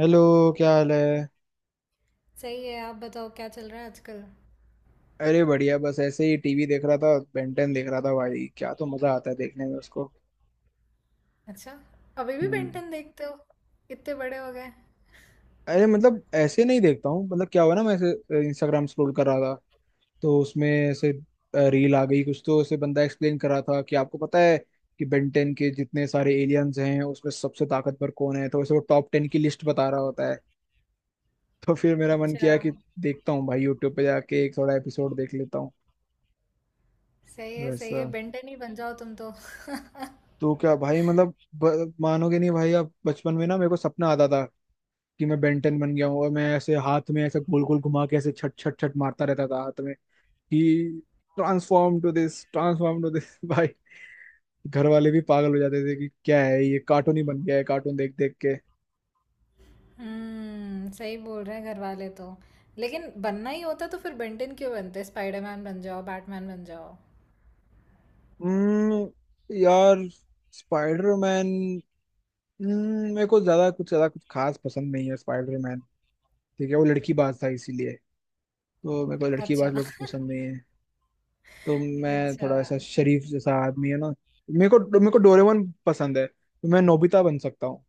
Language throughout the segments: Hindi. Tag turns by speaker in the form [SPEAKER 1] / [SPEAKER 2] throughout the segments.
[SPEAKER 1] हेलो। क्या हाल है?
[SPEAKER 2] सही है। आप बताओ क्या चल रहा है आजकल।
[SPEAKER 1] अरे बढ़िया। बस ऐसे ही टीवी देख रहा था, बेंटन देख रहा था। भाई क्या तो मजा आता है देखने में उसको।
[SPEAKER 2] अच्छा। अभी भी
[SPEAKER 1] हम्म,
[SPEAKER 2] बेंटन देखते हो? इतने बड़े हो गए।
[SPEAKER 1] अरे मतलब ऐसे नहीं देखता हूँ। मतलब क्या हुआ ना, मैं ऐसे इंस्टाग्राम स्क्रॉल कर रहा था तो उसमें ऐसे रील आ गई। कुछ तो ऐसे बंदा एक्सप्लेन कर रहा था कि आपको पता है कि बेंटन के जितने सारे एलियंस हैं उसमें सबसे ताकतवर कौन है। तो ऐसे वो टॉप 10 की लिस्ट बता रहा होता है। तो फिर मेरा मन
[SPEAKER 2] अच्छा।
[SPEAKER 1] किया कि देखता हूँ भाई, यूट्यूब पे जाके एक थोड़ा एपिसोड देख लेता हूँ।
[SPEAKER 2] सही है, सही
[SPEAKER 1] वैसा।
[SPEAKER 2] है, बेंटन ही बन जाओ तुम तो।
[SPEAKER 1] तो क्या भाई मतलब मानोगे नहीं भाई। अब बचपन में ना मेरे को सपना आता था कि मैं बेंटन बन गया हूँ और मैं ऐसे हाथ में ऐसे गोल गोल घुमा के ऐसे छट छट छट मारता रहता था हाथ में कि transform to this, transform to this. भाई घर वाले भी पागल हो जाते थे कि क्या है, ये कार्टून ही बन गया है कार्टून देख देख के।
[SPEAKER 2] हम्म, सही बोल रहे हैं घर वाले तो। लेकिन बनना ही होता तो फिर बेंटन क्यों बनते? स्पाइडरमैन बन जाओ, बैटमैन बन जाओ।
[SPEAKER 1] हम्म, यार स्पाइडरमैन, मेरे को ज्यादा कुछ खास पसंद नहीं है स्पाइडरमैन। ठीक है वो लड़की बाज था, इसीलिए। तो मेरे को लड़की
[SPEAKER 2] अच्छा।
[SPEAKER 1] बाज लोग पसंद नहीं है। तो मैं
[SPEAKER 2] अच्छा।
[SPEAKER 1] थोड़ा ऐसा शरीफ जैसा आदमी है ना। मेरे को डोरेमोन पसंद है, तो मैं नोबिता बन सकता हूँ।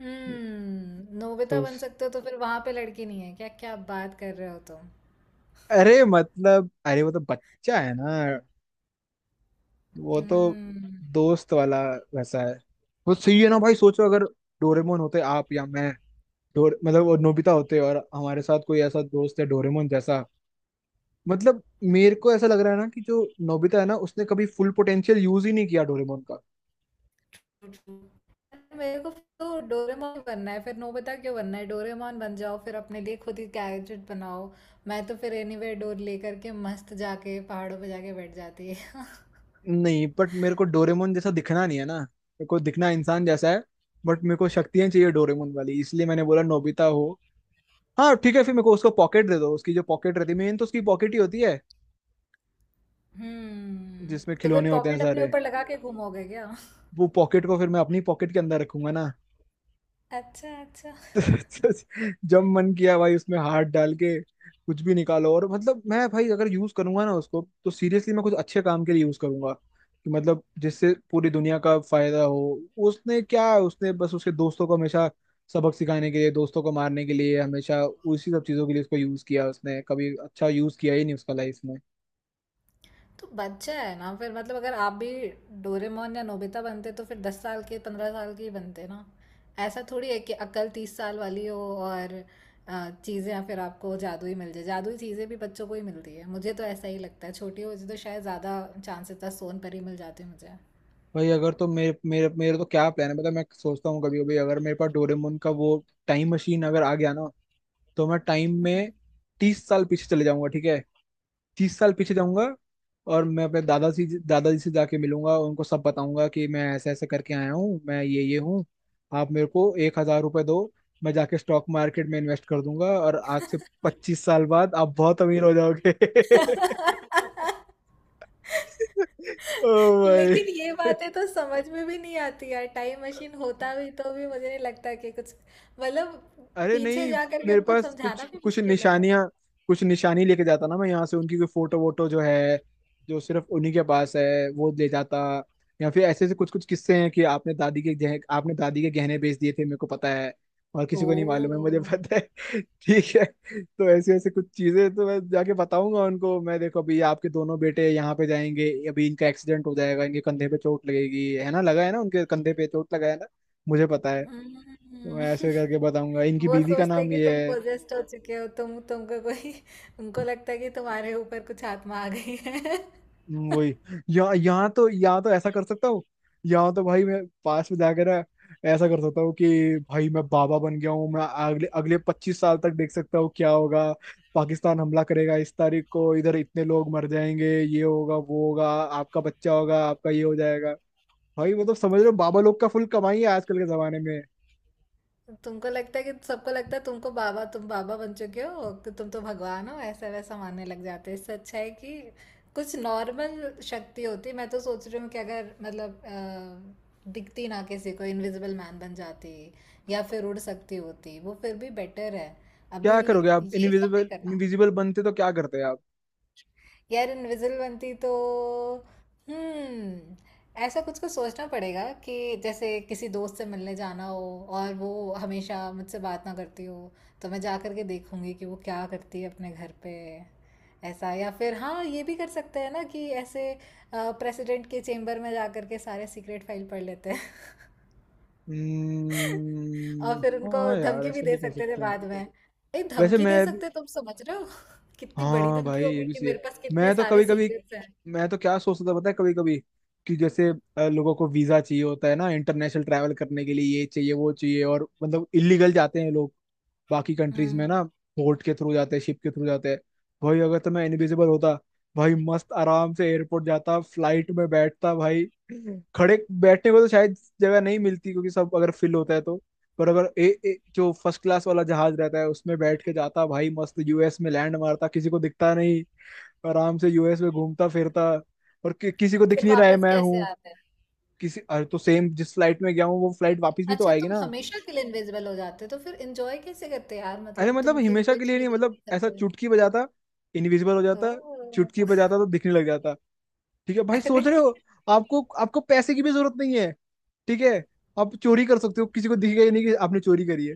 [SPEAKER 2] हम्म, नोबिता
[SPEAKER 1] तो
[SPEAKER 2] बन सकते हो? तो फिर वहां पे लड़की नहीं है क्या? क्या बात कर रहे हो तुम।
[SPEAKER 1] अरे मतलब अरे वो तो बच्चा है ना, वो तो
[SPEAKER 2] हम्म,
[SPEAKER 1] दोस्त वाला वैसा है। वो सही है ना भाई, सोचो अगर डोरेमोन होते आप या मैं। डोर मतलब वो नोबिता होते और हमारे साथ कोई ऐसा दोस्त है डोरेमोन जैसा। मतलब मेरे को ऐसा लग रहा है ना कि जो नोबिता है ना, उसने कभी फुल पोटेंशियल यूज ही नहीं किया डोरेमोन का।
[SPEAKER 2] मेरे को तो डोरेमोन बनना है। फिर नोबिता क्यों बनना है? डोरेमोन बन जाओ, फिर अपने लिए खुद ही गैजेट बनाओ। मैं तो फिर एनीवेयर डोर लेकर के मस्त जाके पहाड़ों पे जाके बैठ जाती है।
[SPEAKER 1] नहीं बट मेरे को डोरेमोन जैसा दिखना नहीं है ना, मेरे को दिखना इंसान जैसा है। बट मेरे को शक्तियां चाहिए डोरेमोन वाली, इसलिए मैंने बोला नोबिता हो। हाँ ठीक है, फिर मेरे को उसको पॉकेट दे दो। उसकी जो पॉकेट रहती है, मेन तो उसकी पॉकेट ही होती है
[SPEAKER 2] हम्म,
[SPEAKER 1] जिसमें
[SPEAKER 2] तो फिर
[SPEAKER 1] खिलौने होते हैं
[SPEAKER 2] पॉकेट अपने
[SPEAKER 1] सारे।
[SPEAKER 2] ऊपर लगा के घूमोगे क्या?
[SPEAKER 1] वो पॉकेट को फिर मैं अपनी पॉकेट के अंदर रखूंगा ना।
[SPEAKER 2] अच्छा, अच्छा।
[SPEAKER 1] जब मन किया भाई, उसमें हाथ डाल के कुछ भी निकालो। और मतलब मैं भाई अगर यूज करूंगा ना उसको, तो सीरियसली मैं कुछ अच्छे काम के लिए यूज करूंगा कि मतलब जिससे पूरी दुनिया का फायदा हो। उसने क्या, उसने बस उसके दोस्तों को हमेशा सबक सिखाने के लिए, दोस्तों को मारने के लिए, हमेशा उसी सब चीजों के लिए उसको यूज किया। उसने कभी अच्छा यूज किया ही नहीं उसका लाइफ में।
[SPEAKER 2] तो बच्चा है ना, फिर मतलब अगर आप भी डोरेमोन या नोबिता बनते तो फिर 10 साल के, 15 साल के ही बनते ना। ऐसा थोड़ी है कि अक्ल 30 साल वाली हो और चीज़ें फिर आपको जादू ही मिल जाए। जादुई चीज़ें भी बच्चों को ही मिलती है, मुझे तो ऐसा ही लगता है। छोटी होती तो शायद ज़्यादा चांसेस था सोन पर ही मिल जाते मुझे।
[SPEAKER 1] भाई अगर तो मेरे मेरे मेरे तो क्या प्लान है, मतलब मैं सोचता हूँ कभी कभी, अगर मेरे पास डोरेमोन का वो टाइम मशीन अगर आ गया ना, तो मैं टाइम में 30 साल पीछे चले जाऊंगा। ठीक है, 30 साल पीछे जाऊंगा। और मैं अपने दादाजी दादाजी से जाके मिलूंगा, उनको सब बताऊंगा कि मैं ऐसे ऐसे करके आया हूँ, मैं ये हूँ। आप मेरे को ₹1,000 दो, मैं जाके स्टॉक मार्केट में इन्वेस्ट कर दूंगा और आज से 25 साल बाद आप बहुत अमीर हो जाओगे। ओ भाई।
[SPEAKER 2] लेकिन ये बातें तो समझ में भी नहीं आती यार। टाइम मशीन होता भी तो भी मुझे नहीं लगता कि कुछ, मतलब
[SPEAKER 1] अरे
[SPEAKER 2] पीछे
[SPEAKER 1] नहीं,
[SPEAKER 2] जा करके
[SPEAKER 1] मेरे
[SPEAKER 2] उनको
[SPEAKER 1] पास
[SPEAKER 2] समझाना
[SPEAKER 1] कुछ
[SPEAKER 2] भी
[SPEAKER 1] कुछ
[SPEAKER 2] मुश्किल है।
[SPEAKER 1] निशानियां, कुछ निशानी लेके जाता ना मैं यहाँ से। उनकी कोई फोटो वोटो जो है, जो सिर्फ उन्हीं के पास है, वो ले जाता। या फिर ऐसे ऐसे कुछ कुछ किस्से हैं कि आपने दादी के गहने बेच दिए थे मेरे को पता है, और
[SPEAKER 2] ओ।
[SPEAKER 1] किसी को नहीं मालूम है मुझे पता है। ठीक है। तो ऐसे ऐसे कुछ चीजें तो मैं जाके बताऊंगा उनको। मैं देखो, अभी आपके दोनों बेटे यहाँ पे जाएंगे, अभी इनका एक्सीडेंट हो जाएगा, इनके कंधे पे चोट लगेगी, है ना, लगा है ना उनके कंधे पे चोट लगा है ना, मुझे पता है। तो मैं
[SPEAKER 2] हम्म।
[SPEAKER 1] ऐसे करके बताऊंगा, इनकी
[SPEAKER 2] वो
[SPEAKER 1] बीवी का
[SPEAKER 2] सोचते
[SPEAKER 1] नाम
[SPEAKER 2] कि
[SPEAKER 1] ये
[SPEAKER 2] तुम
[SPEAKER 1] है।
[SPEAKER 2] पोजेस्ट हो चुके हो, तुम, तुमको कोई, उनको लगता है कि तुम्हारे ऊपर कुछ आत्मा आ गई है।
[SPEAKER 1] वही। या यहाँ तो ऐसा कर सकता हूँ। यहाँ तो भाई मैं पास में जाकर ना ऐसा कर सकता हूँ कि भाई मैं बाबा बन गया हूँ, मैं अगले अगले 25 साल तक देख सकता हूँ क्या होगा। पाकिस्तान हमला करेगा इस तारीख को, इधर इतने लोग मर जाएंगे, ये होगा, वो होगा, आपका बच्चा होगा, आपका ये हो जाएगा। भाई मतलब समझ रहे हो, बाबा लोग का फुल कमाई है आजकल के जमाने में।
[SPEAKER 2] तुमको लगता है कि सबको लगता है तुमको बाबा, तुम बाबा बन चुके हो? कि तुम तो भगवान हो, ऐसा वैसा मानने लग जाते हैं। इससे अच्छा है कि कुछ नॉर्मल शक्ति होती। मैं तो सोच रही हूँ कि अगर मतलब दिखती ना किसी को, इनविजिबल मैन बन जाती, या फिर उड़ सकती होती वो फिर भी बेटर है
[SPEAKER 1] क्या
[SPEAKER 2] अभी।
[SPEAKER 1] करोगे आप
[SPEAKER 2] ये सब नहीं
[SPEAKER 1] इनविजिबल
[SPEAKER 2] करना
[SPEAKER 1] इनविजिबल बनते तो क्या करते।
[SPEAKER 2] यार। इनविजिबल बनती तो, हम्म, ऐसा कुछ कुछ सोचना पड़ेगा कि जैसे किसी दोस्त से मिलने जाना हो और वो हमेशा मुझसे बात ना करती हो, तो मैं जा करके देखूंगी कि वो क्या करती है अपने घर पे। ऐसा, या फिर हाँ, ये भी कर सकते हैं ना कि ऐसे प्रेसिडेंट के चेम्बर में जा करके सारे सीक्रेट फाइल पढ़ लेते हैं। और फिर उनको
[SPEAKER 1] हाँ यार
[SPEAKER 2] धमकी भी
[SPEAKER 1] ऐसा
[SPEAKER 2] दे
[SPEAKER 1] भी कर
[SPEAKER 2] सकते थे
[SPEAKER 1] सकते हैं।
[SPEAKER 2] बाद में। नहीं,
[SPEAKER 1] वैसे
[SPEAKER 2] धमकी
[SPEAKER 1] मैं
[SPEAKER 2] दे
[SPEAKER 1] भी।
[SPEAKER 2] सकते, तुम समझ रहे हो? कितनी बड़ी
[SPEAKER 1] हाँ
[SPEAKER 2] धमकी
[SPEAKER 1] भाई ये
[SPEAKER 2] होगी
[SPEAKER 1] भी
[SPEAKER 2] कि
[SPEAKER 1] सही है।
[SPEAKER 2] मेरे पास कितने
[SPEAKER 1] मैं तो
[SPEAKER 2] सारे
[SPEAKER 1] कभी कभी,
[SPEAKER 2] सीक्रेट्स हैं।
[SPEAKER 1] मैं तो क्या सोचता था पता है कभी कभी, कि जैसे लोगों को वीजा चाहिए होता है ना इंटरनेशनल ट्रैवल करने के लिए, ये चाहिए वो चाहिए, और मतलब इलीगल जाते हैं लोग बाकी कंट्रीज में
[SPEAKER 2] हम्म,
[SPEAKER 1] ना, बोट के थ्रू जाते हैं, शिप के थ्रू जाते हैं। भाई अगर तो मैं इनविजिबल होता, भाई मस्त आराम से एयरपोर्ट जाता, फ्लाइट में बैठता भाई। खड़े बैठने को तो शायद जगह नहीं मिलती क्योंकि सब अगर फिल होता है तो, पर अगर ए, ए, जो फर्स्ट क्लास वाला जहाज रहता है उसमें बैठ के जाता भाई। मस्त यूएस में लैंड मारता, किसी को दिखता नहीं, आराम से यूएस में घूमता फिरता। और किसी को दिख
[SPEAKER 2] फिर
[SPEAKER 1] नहीं रहा है
[SPEAKER 2] वापस
[SPEAKER 1] मैं
[SPEAKER 2] कैसे
[SPEAKER 1] हूँ।
[SPEAKER 2] आते हैं?
[SPEAKER 1] किसी अरे तो सेम जिस फ्लाइट में गया हूँ, वो फ्लाइट वापस भी तो
[SPEAKER 2] अच्छा,
[SPEAKER 1] आएगी
[SPEAKER 2] तुम
[SPEAKER 1] ना।
[SPEAKER 2] हमेशा के लिए इनविजिबल हो जाते हो तो फिर एंजॉय कैसे करते यार?
[SPEAKER 1] अरे
[SPEAKER 2] मतलब
[SPEAKER 1] मतलब
[SPEAKER 2] तुम किस,
[SPEAKER 1] हमेशा
[SPEAKER 2] कोई
[SPEAKER 1] के लिए
[SPEAKER 2] तुम्हें
[SPEAKER 1] नहीं,
[SPEAKER 2] देख
[SPEAKER 1] मतलब
[SPEAKER 2] नहीं
[SPEAKER 1] ऐसा
[SPEAKER 2] सकता।
[SPEAKER 1] चुटकी बजाता, इनविजिबल हो
[SPEAKER 2] ओह।
[SPEAKER 1] जाता। चुटकी बजाता तो दिखने लग जाता। ठीक है भाई
[SPEAKER 2] अरे।
[SPEAKER 1] सोच रहे हो, आपको आपको पैसे की भी जरूरत नहीं है। ठीक है, आप चोरी कर सकते हो, किसी को दिखेगा ही नहीं कि आपने चोरी करी है।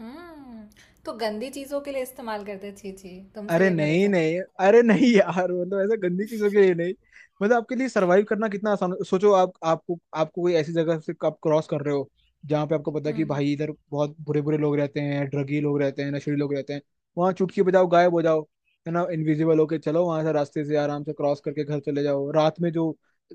[SPEAKER 2] हम्म, तो गंदी चीजों के लिए इस्तेमाल करते? छी छी, तुमसे
[SPEAKER 1] अरे
[SPEAKER 2] ये
[SPEAKER 1] नहीं
[SPEAKER 2] भरोसा नहीं।
[SPEAKER 1] नहीं, अरे नहीं यार, मतलब ऐसा गंदी चीजों के लिए नहीं। मतलब आपके लिए सरवाइव करना कितना आसान सोचो, आप आपको आपको कोई ऐसी जगह से आप क्रॉस कर रहे हो जहाँ पे आपको पता है कि
[SPEAKER 2] हम्म,
[SPEAKER 1] भाई इधर बहुत बुरे बुरे लोग रहते हैं, ड्रगी लोग रहते हैं, नशेड़ी लोग रहते हैं। वहां चुटकी बजाओ, गायब हो जाओ, है ना। इनविजिबल होके चलो वहां से, रास्ते से आराम से क्रॉस करके घर चले जाओ। रात में जो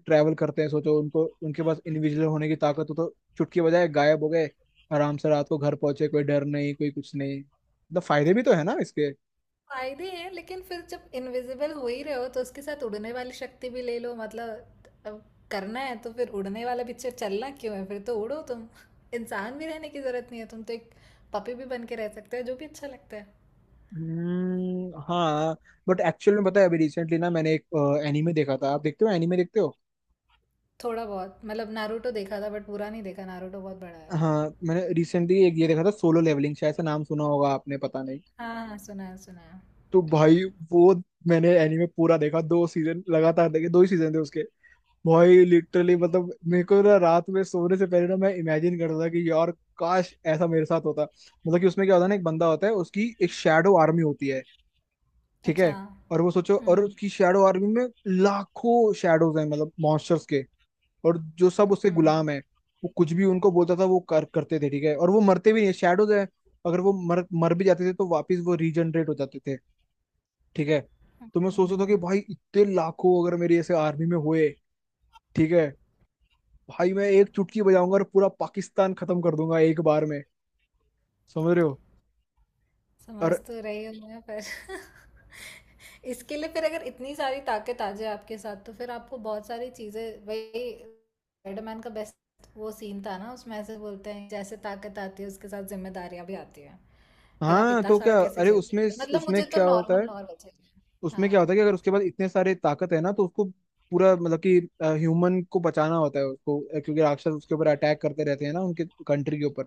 [SPEAKER 1] ट्रैवल करते हैं, सोचो उनको उनके पास इनविजिबल होने की ताकत हो, तो चुटकी बजाए गायब हो गए, आराम से रात को घर पहुंचे। कोई डर नहीं, कोई कुछ नहीं। मतलब फायदे भी तो है ना इसके।
[SPEAKER 2] फायदे हैं लेकिन फिर जब इनविजिबल हो ही रहे हो तो उसके साथ उड़ने वाली शक्ति भी ले लो। मतलब अब करना है तो फिर उड़ने वाला पिक्चर चलना क्यों है? फिर तो उड़ो तुम। इंसान भी रहने की जरूरत नहीं है, तुम तो एक पपी भी बन के रह सकते हो, जो भी अच्छा लगता है।
[SPEAKER 1] हम्म, हाँ। बट एक्चुअल में पता है, अभी रिसेंटली ना मैंने एक एनीमे देखा था। आप देखते हो एनीमे, देखते हो?
[SPEAKER 2] थोड़ा बहुत, मतलब नारुतो देखा था बट पूरा नहीं देखा। नारुतो बहुत बड़ा है।
[SPEAKER 1] हाँ। मैंने रिसेंटली एक ये देखा था सोलो लेवलिंग, शायद से नाम सुना होगा आपने पता नहीं।
[SPEAKER 2] हाँ हाँ, सुना है, सुना है।
[SPEAKER 1] तो भाई, वो, मैंने एनीमे पूरा देखा, 2 सीजन लगातार देखे, दो ही सीजन थे उसके। भाई लिटरली मतलब मेरे को ना रात में सोने से पहले ना मैं इमेजिन करता था कि यार काश ऐसा मेरे साथ होता। मतलब कि उसमें क्या होता है ना, एक बंदा होता है, उसकी एक शैडो आर्मी होती है। ठीक
[SPEAKER 2] अच्छा।
[SPEAKER 1] है और वो सोचो, और
[SPEAKER 2] हम्म।
[SPEAKER 1] उसकी शैडो आर्मी में लाखों शैडोज हैं, मतलब मॉन्स्टर्स के, और जो सब उसके
[SPEAKER 2] हम्म।
[SPEAKER 1] गुलाम है। वो कुछ भी उनको बोलता था वो कर करते थे, ठीक है, और वो मरते भी नहीं, शैडोज है। अगर वो मर मर भी जाते थे तो वापस वो रीजनरेट हो जाते थे, ठीक है। तो मैं सोचता था कि
[SPEAKER 2] हम्म,
[SPEAKER 1] भाई इतने लाखों अगर मेरे ऐसे आर्मी में हुए, ठीक है, भाई मैं एक चुटकी बजाऊंगा और पूरा पाकिस्तान खत्म कर दूंगा एक बार में। समझ रहे हो। और
[SPEAKER 2] समझ तो रही हूँ मैं पर इसके लिए फिर अगर इतनी सारी ताकत आ जाए आपके साथ तो फिर आपको बहुत सारी चीज़ें, वही स्पाइडरमैन का बेस्ट वो सीन था ना उसमें ऐसे बोलते हैं जैसे ताकत आती है उसके साथ जिम्मेदारियां भी आती हैं। फिर आप
[SPEAKER 1] हाँ
[SPEAKER 2] इतना
[SPEAKER 1] तो
[SPEAKER 2] सारा
[SPEAKER 1] क्या,
[SPEAKER 2] कैसे
[SPEAKER 1] अरे
[SPEAKER 2] झेल पाते
[SPEAKER 1] उसमें
[SPEAKER 2] हैं? मतलब
[SPEAKER 1] उसमें
[SPEAKER 2] मुझे तो
[SPEAKER 1] क्या होता
[SPEAKER 2] नॉर्मल
[SPEAKER 1] है
[SPEAKER 2] नॉर्मल चाहिए।
[SPEAKER 1] उसमें क्या
[SPEAKER 2] हाँ।
[SPEAKER 1] होता है कि अगर उसके पास इतने सारे ताकत है ना, तो उसको पूरा मतलब कि ह्यूमन को बचाना होता है उसको, क्योंकि राक्षस उसके ऊपर अटैक करते रहते हैं ना, उनके कंट्री के ऊपर।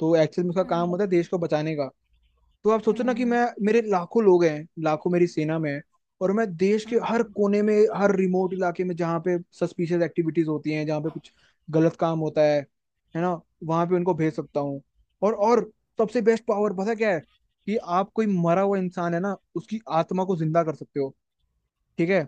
[SPEAKER 1] तो एक्चुअल में उसका काम होता है देश
[SPEAKER 2] हम्म।
[SPEAKER 1] को बचाने का। तो आप सोचो ना कि
[SPEAKER 2] हम्म।
[SPEAKER 1] मैं, मेरे लाखों लोग हैं, लाखों मेरी सेना में है, और मैं देश के हर
[SPEAKER 2] हम्म।
[SPEAKER 1] कोने में, हर रिमोट इलाके में जहाँ पे सस्पिशियस एक्टिविटीज होती हैं, जहाँ पे कुछ गलत काम होता है ना, वहां पे उनको भेज सकता हूँ। और सबसे बेस्ट पावर पता क्या है? कि आप, कोई मरा हुआ इंसान है ना, उसकी आत्मा को जिंदा कर सकते हो। ठीक है,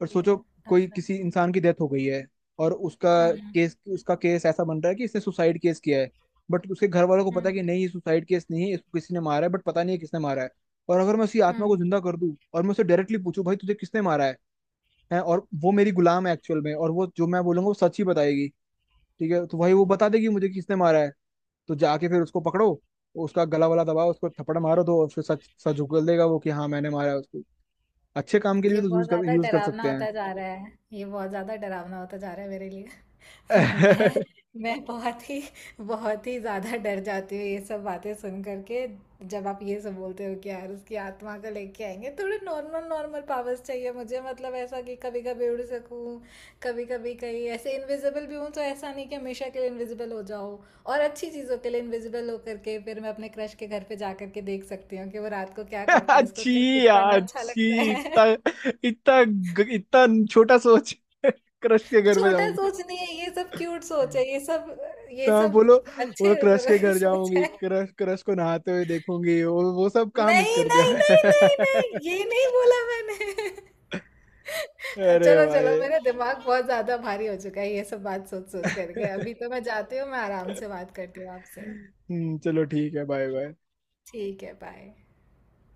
[SPEAKER 1] और सोचो,
[SPEAKER 2] Yeah, that's
[SPEAKER 1] कोई
[SPEAKER 2] right.
[SPEAKER 1] किसी इंसान की डेथ हो गई है, और उसका
[SPEAKER 2] Mm,
[SPEAKER 1] केस उसका केस ऐसा बन रहा है कि इसने सुसाइड केस किया है, बट उसके घर वालों को पता है
[SPEAKER 2] mm,
[SPEAKER 1] कि नहीं, ये सुसाइड केस नहीं है, इसको किसी ने मारा है, बट पता नहीं है किसने मारा है। और अगर मैं उसकी आत्मा को
[SPEAKER 2] mm.
[SPEAKER 1] जिंदा कर दूं, और मैं उसे डायरेक्टली पूछूं, भाई तुझे किसने मारा है, हैं, और वो मेरी गुलाम है एक्चुअल में, और वो जो मैं बोलूंगा वो सच ही बताएगी। ठीक है, तो भाई वो बता देगी मुझे किसने मारा है। तो जाके फिर उसको पकड़ो, उसका गला वाला दबाओ, उसको थप्पड़ मारो दो, और फिर सच सच उगल देगा वो कि हाँ मैंने मारा है उसको। अच्छे काम के लिए
[SPEAKER 2] ये
[SPEAKER 1] भी तो
[SPEAKER 2] बहुत
[SPEAKER 1] यूज कर
[SPEAKER 2] ज़्यादा
[SPEAKER 1] यूज कर
[SPEAKER 2] डरावना
[SPEAKER 1] सकते हैं।
[SPEAKER 2] होता जा रहा है, ये बहुत ज़्यादा डरावना होता जा रहा है मेरे लिए। मैं मैं बहुत ही, बहुत ही ज़्यादा डर जाती हूँ ये सब बातें सुन करके। जब आप ये सब बोलते हो कि यार उसकी आत्मा को लेके आएंगे, थोड़े नॉर्मल नॉर्मल पावर्स चाहिए मुझे। मतलब ऐसा कि कभी कभी उड़ सकूँ, कभी कभी कहीं ऐसे इनविजिबल भी हूँ, तो ऐसा नहीं कि हमेशा के लिए इनविजिबल हो जाओ। और अच्छी चीज़ों के लिए इनविजिबल हो करके फिर मैं अपने क्रश के घर पे जा करके देख सकती हूँ कि वो रात को क्या करता है, इसको
[SPEAKER 1] अच्छी
[SPEAKER 2] क्या कुछ पढ़ना
[SPEAKER 1] यार
[SPEAKER 2] अच्छा
[SPEAKER 1] अच्छी,
[SPEAKER 2] लगता है।
[SPEAKER 1] इतना इतना ग- इतना छोटा सोच, क्रश के घर में
[SPEAKER 2] छोटा
[SPEAKER 1] जाऊंगी।
[SPEAKER 2] सोच नहीं है ये सब, क्यूट सोच है ये सब, ये
[SPEAKER 1] तो हाँ, बोलो।
[SPEAKER 2] सब अच्छे
[SPEAKER 1] बोलो क्रश
[SPEAKER 2] लोगों
[SPEAKER 1] के
[SPEAKER 2] की
[SPEAKER 1] घर
[SPEAKER 2] सोच
[SPEAKER 1] जाऊंगी,
[SPEAKER 2] है।
[SPEAKER 1] क्रश क्रश को नहाते हुए देखूंगी, वो सब काम मिस
[SPEAKER 2] नहीं
[SPEAKER 1] कर दिया
[SPEAKER 2] नहीं नहीं नहीं
[SPEAKER 1] मैं।
[SPEAKER 2] नहीं, ये नहीं बोला मैंने।
[SPEAKER 1] अरे
[SPEAKER 2] चलो
[SPEAKER 1] भाई।
[SPEAKER 2] चलो, मेरा दिमाग बहुत ज्यादा भारी हो चुका है ये सब बात सोच सोच करके। अभी तो मैं जाती हूँ, मैं आराम से बात करती हूँ आपसे।
[SPEAKER 1] चलो ठीक है। Bye bye.
[SPEAKER 2] ठीक है, बाय।